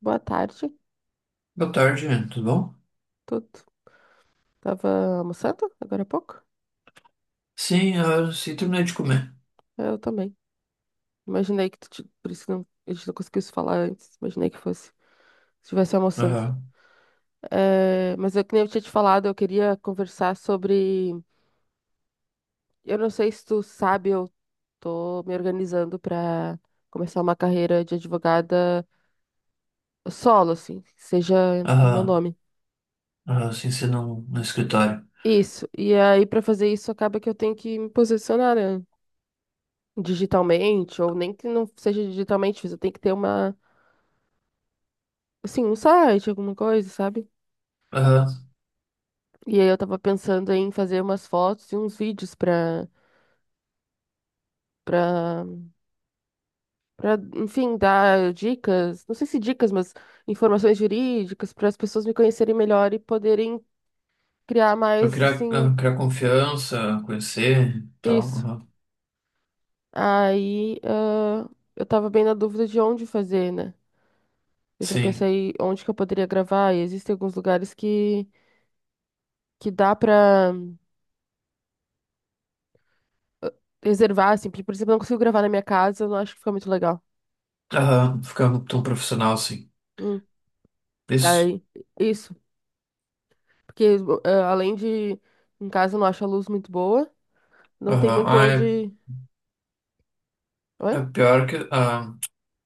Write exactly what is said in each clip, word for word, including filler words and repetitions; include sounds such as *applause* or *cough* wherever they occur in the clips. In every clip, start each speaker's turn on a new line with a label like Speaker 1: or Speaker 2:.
Speaker 1: Boa tarde,
Speaker 2: Boa tarde, tudo bom?
Speaker 1: tudo. Tava almoçando agora há pouco?
Speaker 2: Sim, ah, sim, terminei de comer.
Speaker 1: Eu também. Imaginei que tu, ti- por isso que não, a gente não conseguiu se falar antes. Imaginei que fosse, estivesse almoçando.
Speaker 2: Aham,
Speaker 1: É, mas eu que nem eu tinha te falado, eu queria conversar sobre. Eu não sei se tu sabe, eu tô me organizando para começar uma carreira de advogada solo, assim, que seja meu
Speaker 2: aham,
Speaker 1: nome.
Speaker 2: aham, sim, sim, no, no escritório.
Speaker 1: Isso. E aí, para fazer isso, acaba que eu tenho que me posicionar, né? Digitalmente, ou nem que não seja digitalmente, mas eu tenho que ter uma assim, um site, alguma coisa, sabe?
Speaker 2: Aham,
Speaker 1: E aí eu tava pensando em fazer umas fotos e uns vídeos pra, pra, pra, enfim, dar dicas, não sei se dicas, mas informações jurídicas para as pessoas me conhecerem melhor e poderem criar
Speaker 2: pra
Speaker 1: mais,
Speaker 2: criar, ah,
Speaker 1: assim,
Speaker 2: criar confiança, conhecer e tal,
Speaker 1: isso.
Speaker 2: aham.
Speaker 1: Aí, ah, eu tava bem na dúvida de onde fazer, né? Eu já
Speaker 2: Sim,
Speaker 1: pensei onde que eu poderia gravar e existem alguns lugares que, que dá pra ah, reservar, assim, porque, por exemplo, eu não consigo gravar na minha casa, eu não acho que fica muito legal.
Speaker 2: aham, ficar tão profissional assim.
Speaker 1: Hum.
Speaker 2: Isso,
Speaker 1: Daí, isso. Porque eh, além de em casa não acho a luz muito boa, não tem
Speaker 2: aham.
Speaker 1: muito
Speaker 2: Ah, é,
Speaker 1: onde. Oi?
Speaker 2: é pior que, ah,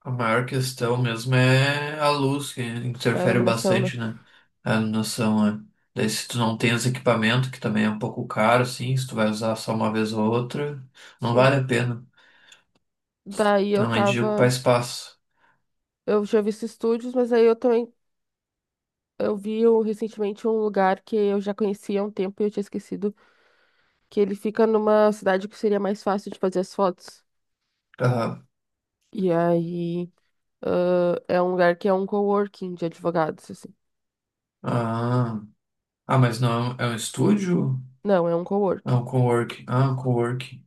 Speaker 2: a maior questão mesmo é a luz, que
Speaker 1: É a
Speaker 2: interfere
Speaker 1: iluminação, né?
Speaker 2: bastante, né? A noção, é. Daí se tu não tem os equipamentos, que também é um pouco caro, assim, se tu vai usar só uma vez ou outra, não
Speaker 1: Sim.
Speaker 2: vale a pena.
Speaker 1: Daí eu
Speaker 2: Não, é de ocupar
Speaker 1: tava.
Speaker 2: espaço.
Speaker 1: Eu já vi esses estúdios, mas aí eu também. Eu vi o- recentemente um lugar que eu já conhecia há um tempo e eu tinha esquecido que ele fica numa cidade que seria mais fácil de fazer as fotos.
Speaker 2: Aham.
Speaker 1: E aí, ãh, é um lugar que é um coworking de advogados, assim.
Speaker 2: Ah, ah, mas não é um é um estúdio?
Speaker 1: Não, é um
Speaker 2: É
Speaker 1: coworking.
Speaker 2: um coworking. Ah, um coworking.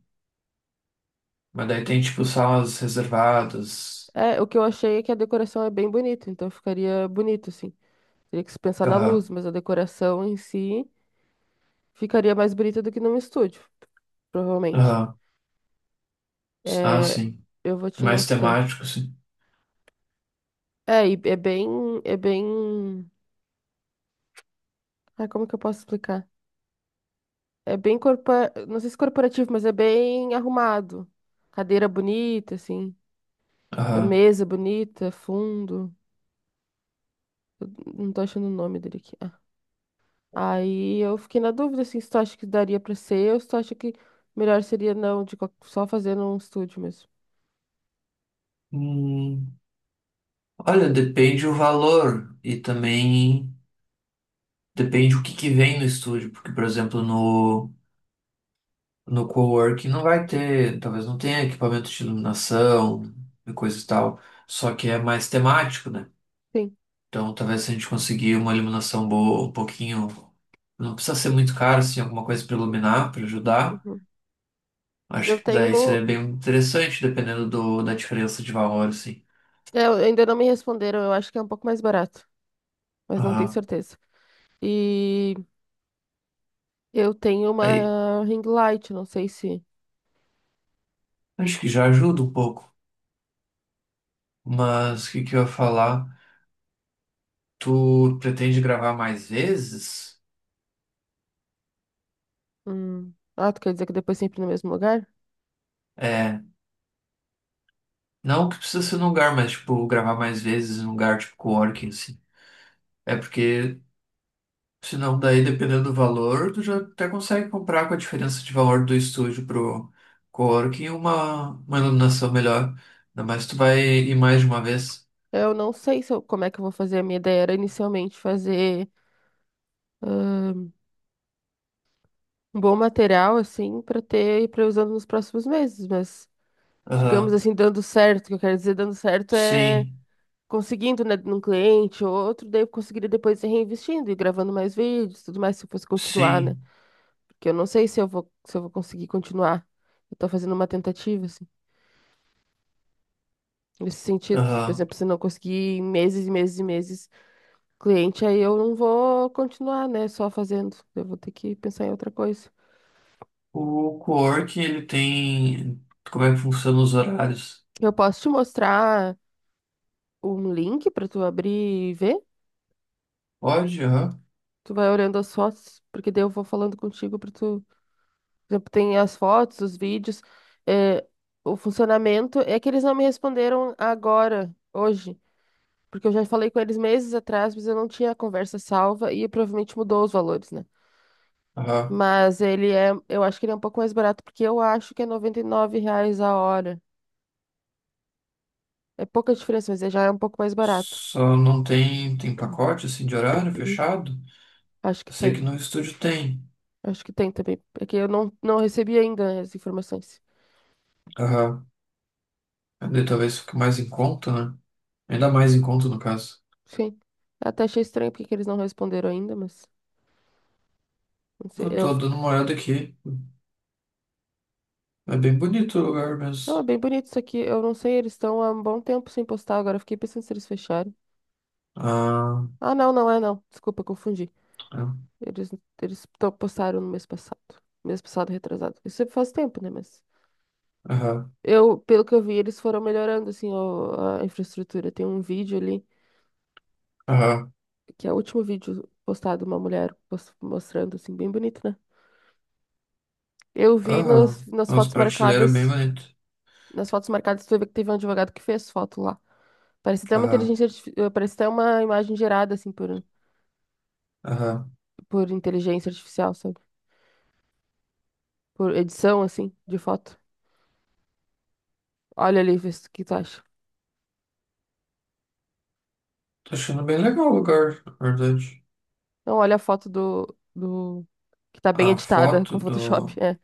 Speaker 2: Mas daí tem tipo salas reservadas.
Speaker 1: É, o que eu achei é que a decoração é bem bonita, então ficaria bonito, assim. Teria que se pensar na luz,
Speaker 2: Aham.
Speaker 1: mas a decoração em si ficaria mais bonita do que num estúdio, provavelmente.
Speaker 2: Aham. Ah,
Speaker 1: É,
Speaker 2: sim.
Speaker 1: eu vou te
Speaker 2: Mais
Speaker 1: mostrar.
Speaker 2: temático, sim.
Speaker 1: É, e é bem, é bem, ah, como que eu posso explicar? É bem corpora... não sei se corporativo, mas é bem arrumado. Cadeira bonita, assim, a
Speaker 2: Aham.
Speaker 1: mesa bonita, fundo. Eu não tô achando o nome dele aqui. Ah. Aí eu fiquei na dúvida, assim, se tu acha que daria pra ser ou se tu acha que melhor seria não, de qual- só fazer num estúdio mesmo.
Speaker 2: Hum, Olha, depende o valor e também depende o que que vem no estúdio, porque, por exemplo, no, no coworking não vai ter, talvez não tenha equipamento de iluminação e coisa e tal, só que é mais temático, né?
Speaker 1: Sim.
Speaker 2: Então, talvez se a gente conseguir uma iluminação boa, um pouquinho. Não precisa ser muito caro, assim, alguma coisa para iluminar, para ajudar.
Speaker 1: Uhum. Eu
Speaker 2: Acho que daí seria
Speaker 1: tenho.
Speaker 2: bem interessante, dependendo do, da diferença de valor, assim.
Speaker 1: Eu ainda não me responderam, eu acho que é um pouco mais barato, mas não tenho
Speaker 2: Aham.
Speaker 1: certeza. E eu tenho
Speaker 2: Aí,
Speaker 1: uma ring light, não sei se.
Speaker 2: acho que já ajuda um pouco. Mas o que que eu ia falar? Tu pretende gravar mais vezes?
Speaker 1: Hum. Ah, tu quer dizer que depois sempre no mesmo lugar?
Speaker 2: É, não que precisa ser num lugar, mas, tipo, gravar mais vezes num lugar tipo coworking, assim. É porque Senão, daí, dependendo do valor, tu já até consegue comprar com a diferença de valor do estúdio pro coworking uma, uma iluminação melhor. Ainda mais tu vai ir mais de uma vez.
Speaker 1: Eu não sei se eu- como é que eu vou fazer. A minha ideia era inicialmente fazer um bom material, assim, pra ter, pra ir usando nos próximos meses, mas digamos
Speaker 2: Aham.
Speaker 1: assim, dando certo, o que eu quero dizer dando certo é
Speaker 2: Sim,
Speaker 1: conseguindo, né, num cliente ou outro, daí eu conseguiria depois ir reinvestindo e gravando mais vídeos, tudo mais, se eu fosse continuar, né?
Speaker 2: sim.
Speaker 1: Porque eu não sei se eu vou, se eu vou conseguir continuar. Eu tô fazendo uma tentativa, assim, nesse sentido. Se, Por
Speaker 2: Aham.
Speaker 1: exemplo, se eu não conseguir em meses e meses e meses cliente, aí eu não vou continuar, né? Só fazendo. Eu vou ter que pensar em outra coisa.
Speaker 2: O coworking, ele tem. Como é que funciona os horários?
Speaker 1: Eu posso te mostrar um link pra tu abrir e ver?
Speaker 2: Pode, aham.
Speaker 1: Tu vai olhando as fotos, porque daí eu vou falando contigo pra tu. Por exemplo, tem as fotos, os vídeos. eh, o funcionamento é que eles não me responderam agora, hoje. Porque eu já falei com eles meses atrás, mas eu não tinha a conversa salva e provavelmente mudou os valores, né?
Speaker 2: Aham.
Speaker 1: Mas ele é, eu acho que ele é um pouco mais barato, porque eu acho que é noventa e nove reais a hora. É pouca diferença, mas ele já é um pouco mais barato.
Speaker 2: Só não tem, tem pacote, assim, de horário
Speaker 1: Uhum.
Speaker 2: fechado?
Speaker 1: Acho que
Speaker 2: Eu sei que
Speaker 1: tem.
Speaker 2: no estúdio tem.
Speaker 1: Acho que tem também. É que eu não, não recebi ainda né, as informações.
Speaker 2: Aham. Daí talvez fique mais em conta, né? Ainda mais em conta, no caso.
Speaker 1: Sim. Até achei estranho porque que eles não responderam ainda, mas não sei.
Speaker 2: Eu
Speaker 1: Eu
Speaker 2: tô
Speaker 1: fiquei...
Speaker 2: dando uma olhada aqui. É bem bonito o lugar
Speaker 1: Não,
Speaker 2: mesmo.
Speaker 1: é bem bonito isso aqui. Eu não sei, eles estão há um bom tempo sem postar agora. eu Fiquei pensando se eles fecharam.
Speaker 2: Ah,
Speaker 1: Ah, não, não é não. Desculpa, confundi.
Speaker 2: é.
Speaker 1: Eles, eles to- postaram no mês passado. Mês passado, retrasado. Isso faz tempo, né? Mas
Speaker 2: Aham,
Speaker 1: eu, pelo que eu vi, eles foram melhorando, assim, o- a infraestrutura. Tem um vídeo ali,
Speaker 2: aham,
Speaker 1: que é o último vídeo postado, uma mulher pos- mostrando, assim, bem bonito, né? Eu vi
Speaker 2: aham.
Speaker 1: nos, nas
Speaker 2: É umas
Speaker 1: fotos
Speaker 2: prateleiras bem
Speaker 1: marcadas,
Speaker 2: bonitas.
Speaker 1: nas fotos marcadas, tu vê que teve um advogado que fez foto lá. Parece até uma
Speaker 2: Aham,
Speaker 1: inteligência, artifi- eh, parece até uma imagem gerada, assim, por,
Speaker 2: aham.
Speaker 1: por inteligência artificial, sabe? Por edição, assim, de foto. Olha ali, vê se- o que tu acha.
Speaker 2: Tô achando bem legal o lugar, na verdade.
Speaker 1: Não, olha a foto do, do... que tá bem
Speaker 2: A
Speaker 1: editada
Speaker 2: foto
Speaker 1: com Photoshop.
Speaker 2: do.
Speaker 1: É.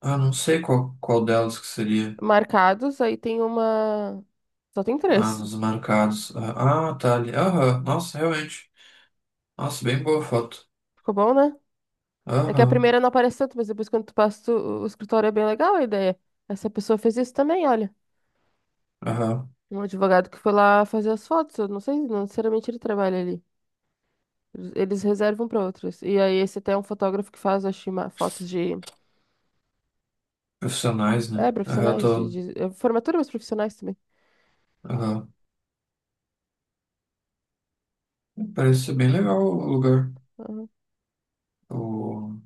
Speaker 2: Ah, não sei qual, qual delas que seria.
Speaker 1: Marcados, aí tem uma. Só tem
Speaker 2: Ah,
Speaker 1: três.
Speaker 2: nos marcados. Ah, ah, tá ali. Aham, nossa, realmente. Nossa, bem boa foto.
Speaker 1: Ficou bom, né? É que a
Speaker 2: Aham,
Speaker 1: primeira não aparece tanto, mas depois quando tu passa, tu- o escritório é bem legal a ideia. Essa pessoa fez isso também, olha.
Speaker 2: aham.
Speaker 1: Um advogado que foi lá fazer as fotos. Eu não sei, não necessariamente ele trabalha ali. Eles reservam para outros. E aí esse até é um fotógrafo que faz, acho, ima- fotos de.
Speaker 2: Profissionais, né?
Speaker 1: É,
Speaker 2: Aham,
Speaker 1: profissionais, de,
Speaker 2: tô.
Speaker 1: de- é, formatura, mas profissionais também.
Speaker 2: Aham. Parece ser bem legal o lugar.
Speaker 1: Aham.
Speaker 2: O.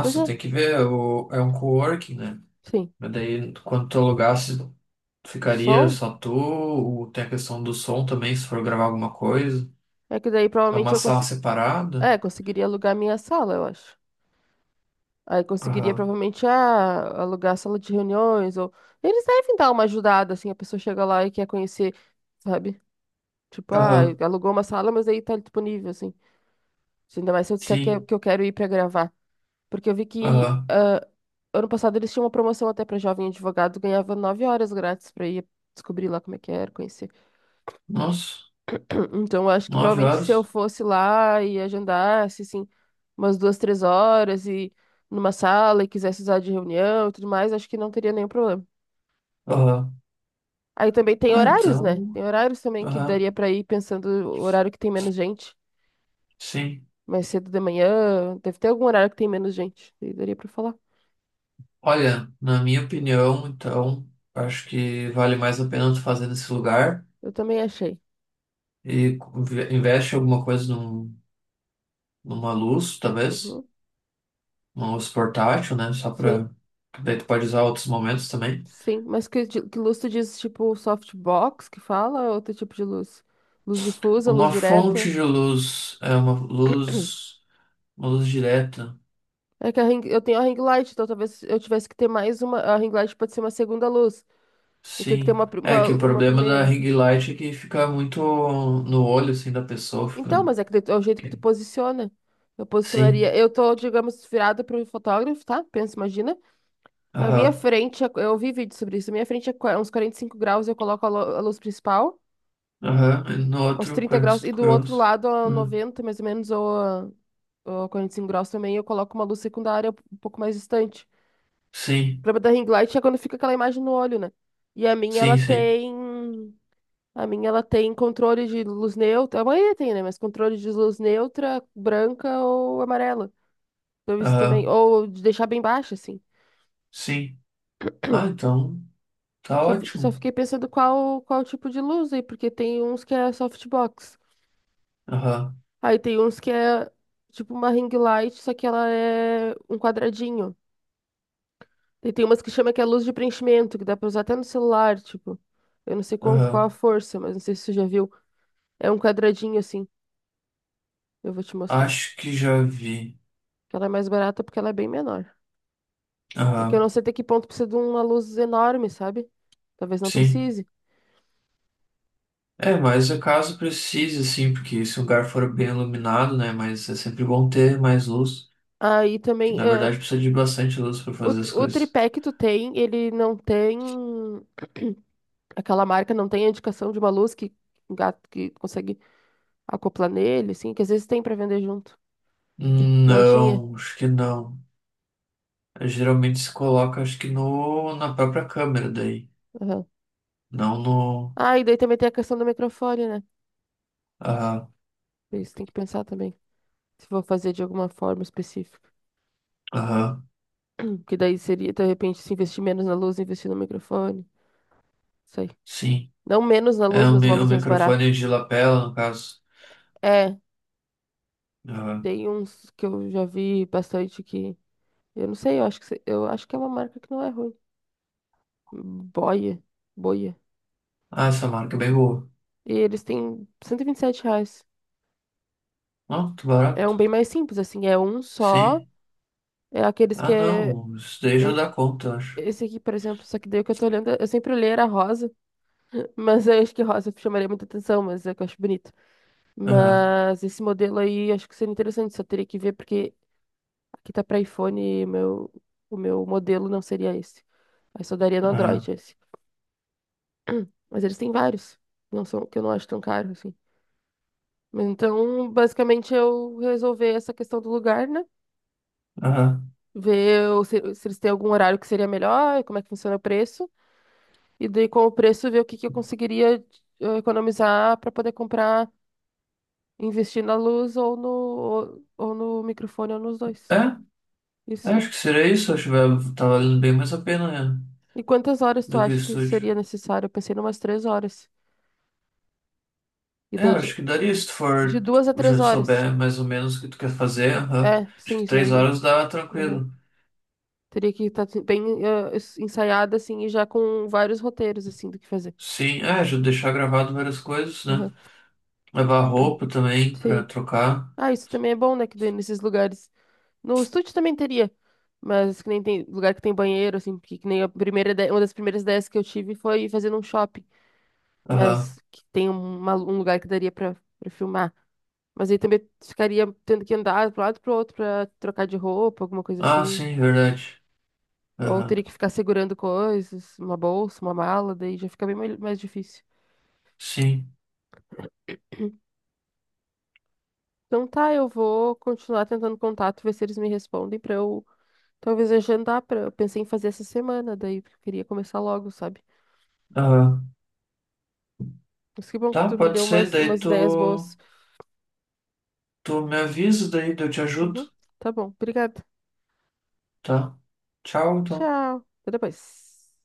Speaker 1: Pois é,
Speaker 2: tem que ver, o- é um coworking, né?
Speaker 1: sim.
Speaker 2: Mas daí, quando tu alugasse,
Speaker 1: O
Speaker 2: ficaria
Speaker 1: som.
Speaker 2: só tu, ou tem a questão do som também, se for gravar alguma coisa.
Speaker 1: É que daí
Speaker 2: É
Speaker 1: provavelmente
Speaker 2: uma
Speaker 1: eu
Speaker 2: sala
Speaker 1: consigo.
Speaker 2: separada?
Speaker 1: É, conseguiria alugar minha sala, eu acho. Aí conseguiria
Speaker 2: Aham,
Speaker 1: provavelmente ah, alugar a sala de reuniões ou eles devem dar uma ajudada assim, a pessoa chega lá e quer conhecer, sabe? Tipo, ah,
Speaker 2: aham,
Speaker 1: alugou uma sala, mas aí tá disponível assim. Se Ainda mais se eu disser que, é-
Speaker 2: sim,
Speaker 1: que eu quero ir pra gravar, porque eu vi que
Speaker 2: aham.
Speaker 1: ah, ano passado eles tinham uma promoção até pra jovem advogado, ganhava nove horas grátis pra ir descobrir lá como é que era, conhecer.
Speaker 2: Nossa,
Speaker 1: Então, eu acho que
Speaker 2: nove
Speaker 1: provavelmente se eu
Speaker 2: horas?
Speaker 1: fosse lá e agendasse, assim, umas duas, três horas e numa sala e quisesse usar de reunião e tudo mais, acho que não teria nenhum problema.
Speaker 2: Aham.
Speaker 1: Aí também tem
Speaker 2: Ah,
Speaker 1: horários, né?
Speaker 2: então,
Speaker 1: Tem horários também que
Speaker 2: aham,
Speaker 1: daria pra ir pensando o horário que tem menos gente.
Speaker 2: sim.
Speaker 1: Mais cedo de manhã, deve ter algum horário que tem menos gente. Daí daria pra falar.
Speaker 2: Olha, na minha opinião, então, acho que vale mais a pena tu fazer nesse lugar
Speaker 1: Eu também achei.
Speaker 2: e co- ve- investe alguma coisa num, numa luz, talvez.
Speaker 1: Uhum.
Speaker 2: Mouse portátil, né? Só para.
Speaker 1: Sim,
Speaker 2: Daí tu pode usar outros momentos também.
Speaker 1: sim. Mas que, di- que luz tu diz, tipo softbox que fala, ou outro tipo de luz? Luz difusa, luz
Speaker 2: Uma fonte
Speaker 1: direta?
Speaker 2: de luz. É uma luz. Uma luz direta.
Speaker 1: É que a ring, eu tenho a ring light, então talvez eu tivesse que ter mais uma. A ring light pode ser uma segunda luz. Eu tenho que ter
Speaker 2: Sim.
Speaker 1: uma, pri-
Speaker 2: É
Speaker 1: uma,
Speaker 2: que o
Speaker 1: uma
Speaker 2: problema da
Speaker 1: primeira.
Speaker 2: ring light é que fica muito no olho, assim, da pessoa.
Speaker 1: Então,
Speaker 2: Fica.
Speaker 1: mas é que de- é o jeito que tu
Speaker 2: que-
Speaker 1: posiciona. Eu posicionaria.
Speaker 2: Sim.
Speaker 1: Eu tô, digamos, virada pro fotógrafo, tá? Pensa, imagina. Na minha
Speaker 2: Aham.
Speaker 1: frente, é- eu vi vídeo sobre isso. Na minha frente é qua- uns quarenta e cinco graus, eu coloco a, lu- a luz principal,
Speaker 2: Aham. E no
Speaker 1: uns
Speaker 2: outro,
Speaker 1: trinta graus. E
Speaker 2: quarenta e cinco
Speaker 1: do outro
Speaker 2: graus.
Speaker 1: lado, a
Speaker 2: Aham.
Speaker 1: noventa mais ou menos, ou, a- ou a quarenta e cinco graus também, eu coloco uma luz secundária um pouco mais distante. O
Speaker 2: Sim.
Speaker 1: problema da ring light é quando fica aquela imagem no olho, né? E a minha, ela
Speaker 2: Sim, sim.
Speaker 1: tem. A minha, ela tem controle de luz neutra. A maioria tem, né? Mas controle de luz neutra, branca ou amarela. Então isso também.
Speaker 2: Aham.
Speaker 1: Ou de deixar bem baixa, assim.
Speaker 2: Sim. Ah, então. Tá
Speaker 1: Só, fi- só
Speaker 2: ótimo.
Speaker 1: fiquei pensando qual, qual tipo de luz aí, porque tem uns que é softbox.
Speaker 2: Aham.
Speaker 1: Aí tem uns que é tipo uma ring light, só que ela é um quadradinho. E tem umas que chama que é luz de preenchimento, que dá pra usar até no celular, tipo. Eu não sei qual, qual a
Speaker 2: Aham.
Speaker 1: força, mas não sei se você já viu. É um quadradinho assim. Eu vou te mostrar.
Speaker 2: Acho que já vi.
Speaker 1: Ela é mais barata porque ela é bem menor. É que eu
Speaker 2: Aham.
Speaker 1: não sei até que ponto precisa de uma luz enorme, sabe? Talvez não
Speaker 2: Sim.
Speaker 1: precise.
Speaker 2: É, mas o caso precise, sim, porque se o lugar for bem iluminado, né? Mas é sempre bom ter mais luz,
Speaker 1: Aí
Speaker 2: que
Speaker 1: também,
Speaker 2: na
Speaker 1: ah,
Speaker 2: verdade precisa de bastante luz para fazer as
Speaker 1: o, o
Speaker 2: coisas.
Speaker 1: tripé que tu tem, ele não tem. Aquela marca não tem a indicação de uma luz que um gato que consegue acoplar nele, assim, que às vezes tem pra vender junto.
Speaker 2: Hum,
Speaker 1: Não tinha?
Speaker 2: Não, acho que não. Eh, Geralmente se coloca, acho que no, na própria câmera daí,
Speaker 1: Aham.
Speaker 2: não no.
Speaker 1: Ah, e daí também tem a questão do microfone, né?
Speaker 2: Aham,
Speaker 1: Isso tem que pensar também. Se for fazer de alguma forma específica.
Speaker 2: aham,
Speaker 1: Hum, Que daí seria, de repente, se investir menos na luz, investir no microfone. Sei.
Speaker 2: sim.
Speaker 1: Não menos na
Speaker 2: É
Speaker 1: luz,
Speaker 2: o,
Speaker 1: mas uma
Speaker 2: mi- o
Speaker 1: luz mais barata.
Speaker 2: microfone de lapela, no caso.
Speaker 1: É,
Speaker 2: Aham.
Speaker 1: tem uns que eu já vi bastante que. Eu não sei, eu acho que, se- eu acho que é uma marca que não é ruim. Boia. Boia.
Speaker 2: Ah, essa marca é bem boa.
Speaker 1: E eles têm cento e e vinte e sete reais.
Speaker 2: Não, muito
Speaker 1: É um
Speaker 2: barato.
Speaker 1: bem mais simples, assim. É um só.
Speaker 2: Sim.
Speaker 1: É aqueles que
Speaker 2: Ah,
Speaker 1: é.
Speaker 2: não, isso daí já
Speaker 1: e-
Speaker 2: dá conta, eu acho.
Speaker 1: Esse aqui, por exemplo, só que daí o que eu tô olhando, eu sempre olhei era rosa, *laughs* mas eu acho que rosa chamaria muita atenção, mas é que eu acho bonito.
Speaker 2: Aham,
Speaker 1: Mas esse modelo aí, acho que seria interessante, só teria que ver, porque que tá pra iPhone, meu, o meu modelo não seria esse. Aí só daria no
Speaker 2: aham,
Speaker 1: Android esse. Mas eles têm vários. Não são, que eu não acho tão caro assim. Mas Então, basicamente, eu resolver essa questão do lugar, né?
Speaker 2: aham.
Speaker 1: Ver o- se, se eles têm algum horário que seria melhor, como é que funciona o preço. E daí, com o preço, ver o que, que eu conseguiria eh, economizar para poder comprar, investir na luz ou no, ou, ou no microfone ou nos dois.
Speaker 2: É, eu
Speaker 1: Isso, né?
Speaker 2: acho que seria isso, acho que vai- tá valendo bem mais a pena, né,
Speaker 1: E quantas horas tu
Speaker 2: do que o
Speaker 1: acha que
Speaker 2: estúdio.
Speaker 1: seria necessário? Eu pensei em umas três horas. E
Speaker 2: É, eu
Speaker 1: daí,
Speaker 2: acho que daria se tu
Speaker 1: de
Speaker 2: for, tu
Speaker 1: duas a três
Speaker 2: já
Speaker 1: horas.
Speaker 2: souber mais ou menos o que tu quer fazer, aham.
Speaker 1: É,
Speaker 2: Acho
Speaker 1: sim,
Speaker 2: que
Speaker 1: isso
Speaker 2: três
Speaker 1: aí.
Speaker 2: horas dá
Speaker 1: Uhum.
Speaker 2: tranquilo.
Speaker 1: Teria que estar bem eh, es- ensaiada, assim, e já com vários roteiros, assim, do que fazer.
Speaker 2: Sim, é, já deixar gravado várias coisas, né?
Speaker 1: Uhum.
Speaker 2: Levar roupa também pra
Speaker 1: Sim.
Speaker 2: trocar.
Speaker 1: Ah, isso também é bom, né? Que daí nesses lugares. No estúdio também teria. Mas que nem tem lugar que tem banheiro, assim, porque que nem a primeira ideia, uma das primeiras ideias que eu tive foi fazer num shopping.
Speaker 2: Aham.
Speaker 1: Mas que tem um, uma- um lugar que daria pra, pra filmar. Mas aí também ficaria tendo que andar pro lado e pro outro pra trocar de roupa, alguma coisa
Speaker 2: Ah,
Speaker 1: assim.
Speaker 2: sim, verdade.
Speaker 1: Ou
Speaker 2: Aham.
Speaker 1: teria que ficar segurando coisas, uma bolsa, uma mala, daí já fica bem mai- mais difícil.
Speaker 2: Sim.
Speaker 1: Então tá, eu vou continuar tentando contato, ver se eles me respondem pra eu talvez agendar pra. Eu pensei em fazer essa semana, daí porque eu queria começar logo, sabe?
Speaker 2: Aham.
Speaker 1: Mas que bom que
Speaker 2: Tá,
Speaker 1: tu me
Speaker 2: pode
Speaker 1: deu
Speaker 2: ser,
Speaker 1: umas,
Speaker 2: daí
Speaker 1: umas
Speaker 2: tu,
Speaker 1: ideias boas.
Speaker 2: tu me avisa, daí eu te ajudo,
Speaker 1: Uhum, tá bom, obrigada.
Speaker 2: tá? Tchau, então.
Speaker 1: Tchau, até depois.